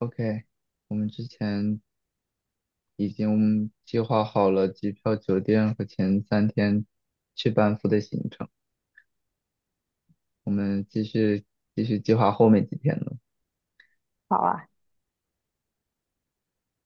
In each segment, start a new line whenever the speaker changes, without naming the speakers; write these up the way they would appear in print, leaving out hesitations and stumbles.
OK，我们之前已经计划好了机票、酒店和前3天去班夫的行程，我们继续计划后面几天的。
好啊，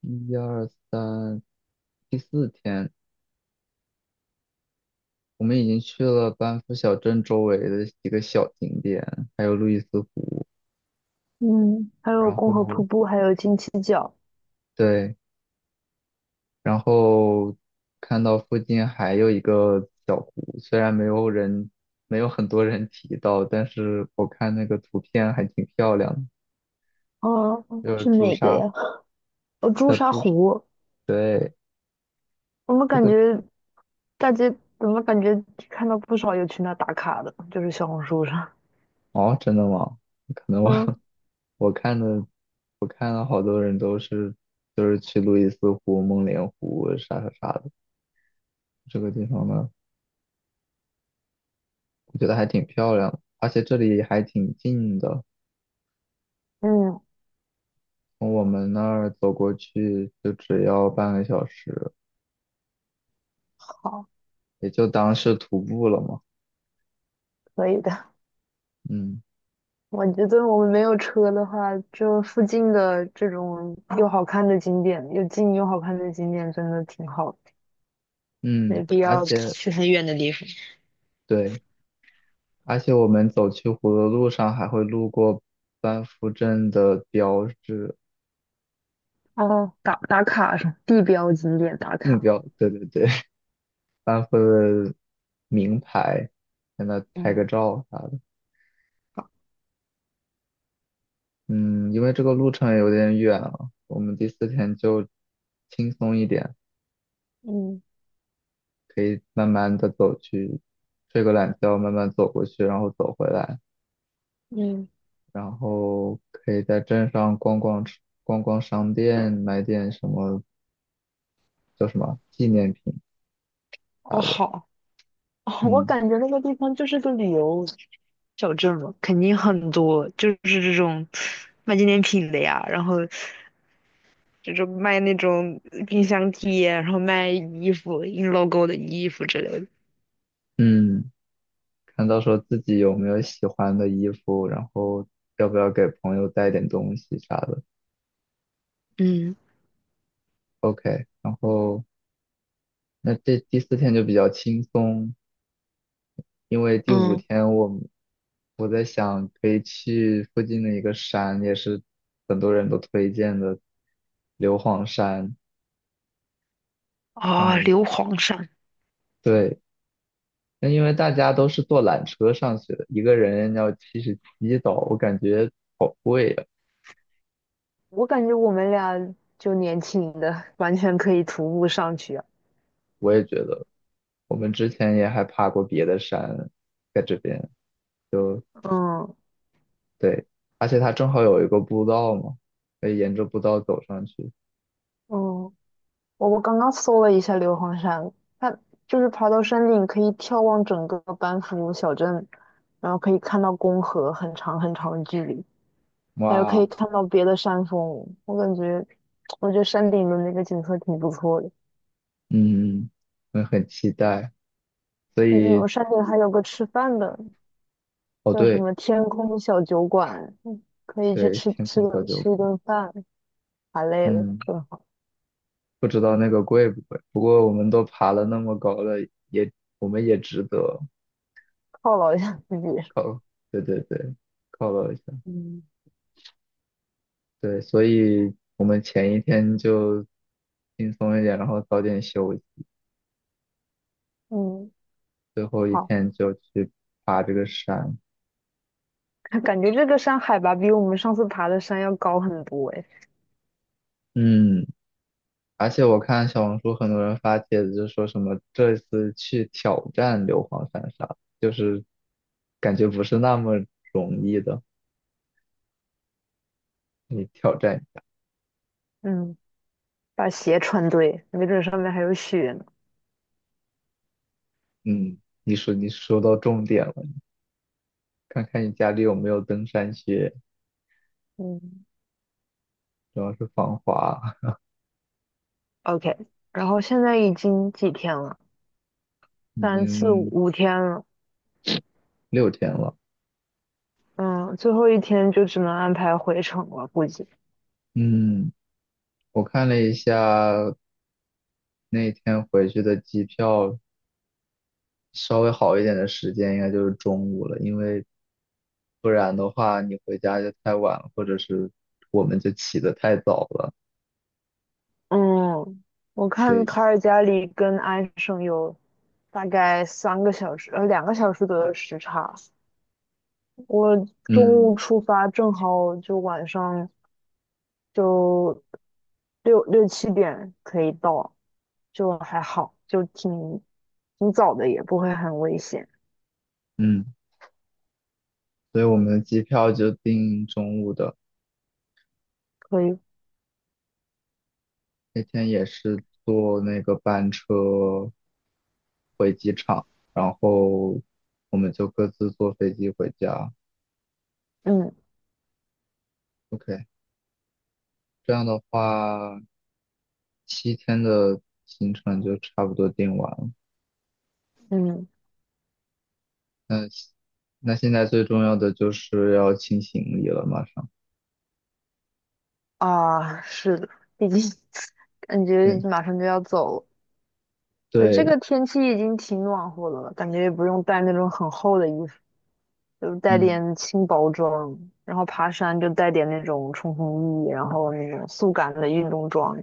一二三，第四天，我们已经去了班夫小镇周围的几个小景点，还有路易斯湖。
嗯，还有
然
共和瀑
后，
布，还有金鸡角，
对，然后看到附近还有一个小湖，虽然没有人，没有很多人提到，但是我看那个图片还挺漂亮的，
哦，
就是
是
朱
哪个
砂，
呀？哦，朱
叫
砂
朱砂，
湖。
对，
我们
这
感
个，
觉大街，怎么感觉看到不少有去那打卡的，就是小红书上。
哦，真的吗？可能我
嗯，
我看的，我看了好多人都是，就是去路易斯湖、梦莲湖啥啥啥的，这个地方呢，我觉得还挺漂亮的，而且这里还挺近的。
嗯，
从我们那儿走过去就只要半个小时，
好，
也就当是徒步了嘛。
可以的。
嗯
我觉得我们没有车的话，就附近的这种又好看的景点，又近又好看的景点，真的挺好的。没
嗯，
必
而
要
且
去很远的地方。
对，而且我们走去湖的路上还会路过班夫镇的标志，
哦，打卡是吧，地标景点打
定
卡。
标，对对对，班夫的名牌，在那拍个
嗯，
照啥的。
好，
嗯，因为这个路程有点远了，我们第四天就轻松一点，
嗯
可以慢慢的走去，睡个懒觉，慢慢走过去，然后走回来。
嗯。
然后可以在镇上逛逛商店，买点什么叫什么纪念品啥
哦，
的。
好，哦，我
嗯
感觉那个地方就是个旅游小镇嘛，肯定很多，就是这种卖纪念品的呀，然后就是卖那种冰箱贴，然后卖衣服，印 logo 的衣服之类的。
嗯，看到时候自己有没有喜欢的衣服，然后要不要给朋友带点东西啥的。
嗯
OK，然后那这第四天就比较轻松，因为第五
嗯，
天我在想可以去附近的一个山，也是很多人都推荐的硫磺山上
啊、
面。
硫磺山，
对，那因为大家都是坐缆车上去的，一个人要77刀，我感觉好贵呀、
我感觉我们俩就年轻的，完全可以徒步上去啊。
我也觉得，我们之前也还爬过别的山，在这边就
嗯
对，而且它正好有一个步道嘛，可以沿着步道走上去。
嗯，我刚刚搜了一下硫磺山，它就是爬到山顶可以眺望整个班夫小镇，然后可以看到公河很长很长的距离，还有可以
哇，
看到别的山峰。我感觉，我觉得山顶的那个景色挺不错的。
嗯，我很期待。所
嗯，我
以，
山顶还有个吃饭的，
哦
叫什
对
么天空小酒馆，嗯可以去
对，
吃
天
吃
空小
个
酒
吃一
馆，
顿饭，太累了，
嗯，
是吧，
不知道那个贵不贵，不过我们都爬了那么高了，也我们也值得
犒劳一下自己。
犒，对对对，犒劳一下。
嗯，
对，所以我们前一天就轻松一点，然后早点休息，
嗯，
最后一
好。
天就去爬这个山。
感觉这个山海拔比我们上次爬的山要高很多诶。
嗯，而且我看小红书很多人发帖子，就说什么这次去挑战硫磺山啥，就是感觉不是那么容易的。你挑战一下
嗯，把鞋穿对，没准上面还有雪呢。
嗯，你说到重点了，看看你家里有没有登山靴，
嗯
主要是防滑。
，OK。然后现在已经几天了？
已
三四五，
经
五天了。
6天了，
嗯，最后一天就只能安排回程了，估计。
嗯。我看了一下那天回去的机票稍微好一点的时间应该就是中午了，因为不然的话你回家就太晚了，或者是我们就起得太早了。
嗯，我看
对，
卡尔加里跟安省有大概3个小时，2个小时左右的时差。我中午
嗯
出发，正好就晚上就六七点可以到，就还好，就挺早的，也不会很危险，
嗯，所以我们的机票就订中午的。
可以。
那天也是坐那个班车场，然后我们就各自坐飞机回家。
嗯
OK，这样的话，7天的行程就差不多定完了。
嗯，
那那现在最重要的就是要清行李了，马上。
啊，是的，毕竟 感觉
对
马上就要走了。这
对，
个天气已经挺暖和的了，感觉也不用带那种很厚的衣服，就带
嗯
点轻薄装，然后爬山就带点那种冲锋衣，然后那种速干的运动装。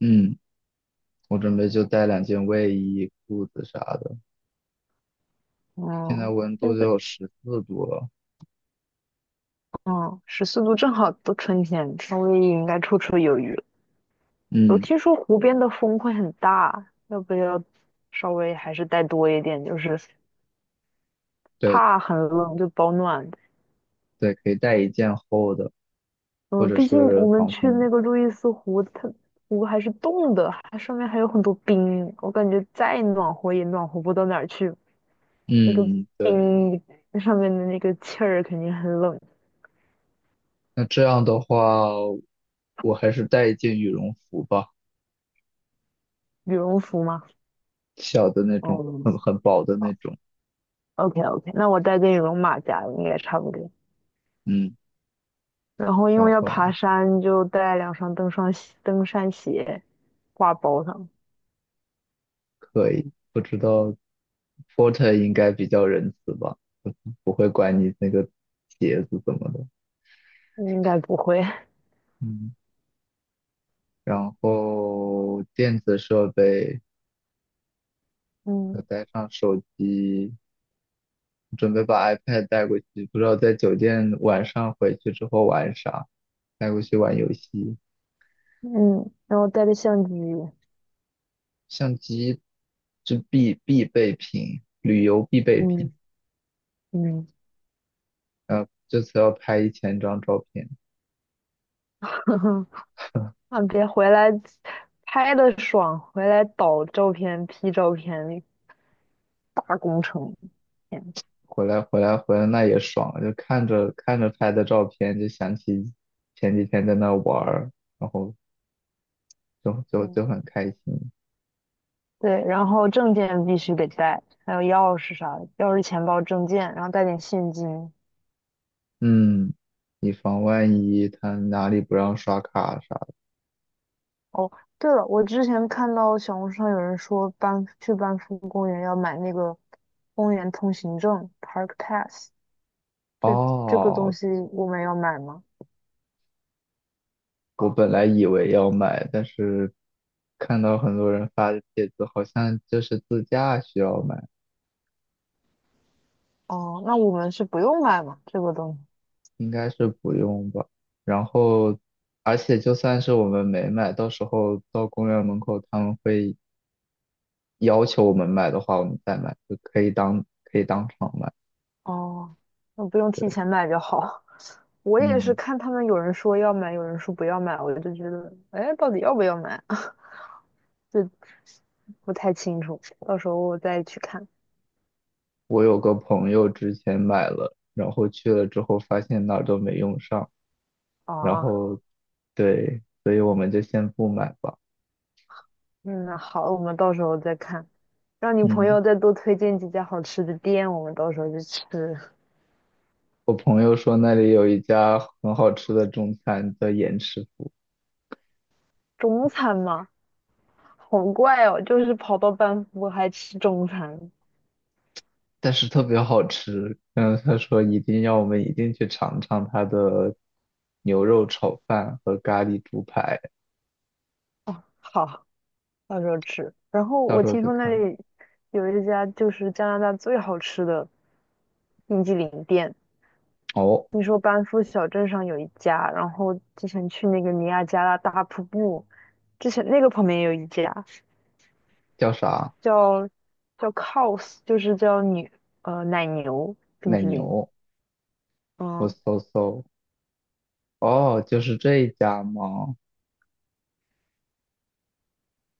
嗯，我准备就带2件卫衣、裤子啥的。现在
嗯，
温度
现
就
在
有14度了。
嗯，14度正好都春天，稍微应该绰绰有余。我
嗯，
听说湖边的风会很大，要不要稍微还是带多一点？就是
对
怕很冷就保暖。
对，可以带一件厚的，或
嗯，
者
毕竟我
是
们
防
去
风。
那个路易斯湖，它湖还是冻的，它上面还有很多冰，我感觉再暖和也暖和不到哪儿去。那个
嗯，对。
冰，那上面的那个气儿肯定很冷。
那这样的话，我还是带一件羽绒服吧，
羽绒服吗？
小的那种，
哦
很薄的那种。
，OK OK，那我带件羽绒马甲应该差不多。
嗯，
然后因
然
为要
后
爬山，就带2双登山鞋。挂包上，
可以，不知道 porter 应该比较仁慈吧。不会管你那个鞋子怎么的。
应该不会。
嗯，然后电子设备，要
嗯
带上手机，准备把 iPad 带过去，不知道在酒店晚上回去之后玩啥，带过去玩游戏。
嗯，然后带着相机，
相机是必备品，旅游必备品。
嗯嗯，
这次要拍1000张照片，
啊，别回来拍的爽，回来导照片、P 照片，大工程。天
回来那也爽，就看着看着拍的照片，就想起前几天在那玩儿，然后就
嗯，
很开心。
对，然后证件必须得带，还有钥匙啥的，钥匙、钱包、证件，然后带点现金。
嗯，以防万一他哪里不让刷卡啥的。
哦，对了，我之前看到小红书上有人说去班夫公园要买那个公园通行证 （Park Pass）。这这个东
哦，
西我们要买吗？
我本来以为要买，但是看到很多人发的帖子，好像就是自驾需要买，
哦，那我们是不用买吗？这个东西。
应该是不用吧。然后，而且就算是我们没买，到时候到公园门口他们会要求我们买的话，我们再买，就可以当场买。
哦，那不用
对，
提前买就好。我也是
嗯，
看他们有人说要买，有人说不要买，我就觉得，哎，到底要不要买？就不太清楚，到时候我再去看。
我有个朋友之前买了，然后去了之后发现哪儿都没用上。然
啊。
后对，所以我们就先不买吧。
嗯，那好，我们到时候再看。让你朋
嗯，
友再多推荐几家好吃的店，我们到时候去吃，
我朋友说那里有一家很好吃的中餐叫严师傅，
中餐嘛。好怪哦，就是跑到班夫还吃中餐。
但是特别好吃。嗯，他说一定要我们一定去尝尝他的牛肉炒饭和咖喱猪排，
好。到时候吃。然后
到
我
时候
听
再
说那
看。
里有一家就是加拿大最好吃的冰激凌店，
哦，
听说班夫小镇上有一家，然后之前去那个尼亚加拉大瀑布，之前那个旁边也有一家，
叫啥？
叫叫 Cows，就是叫奶牛冰
奶
激凌。
牛？我
嗯
搜搜。哦，就是这一家吗？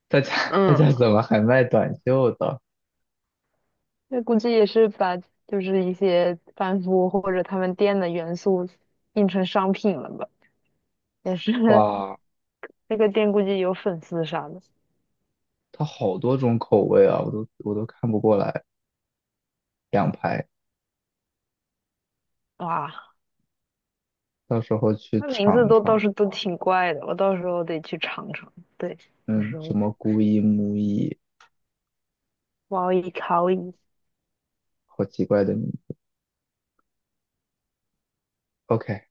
他家 他
嗯，
家怎么还卖短袖的？
那估计也是把就是一些班夫或者他们店的元素印成商品了吧，也是
哇，
那个店估计有粉丝啥的。
它好多种口味啊，我都看不过来。两排，
哇，
到时候去
那名字
尝
都倒
尝。
是都挺怪的，我到时候得去尝尝。对，有
嗯，
时
什
候
么姑姨、母姨，
哇哦一考一。
好奇怪的名字。OK，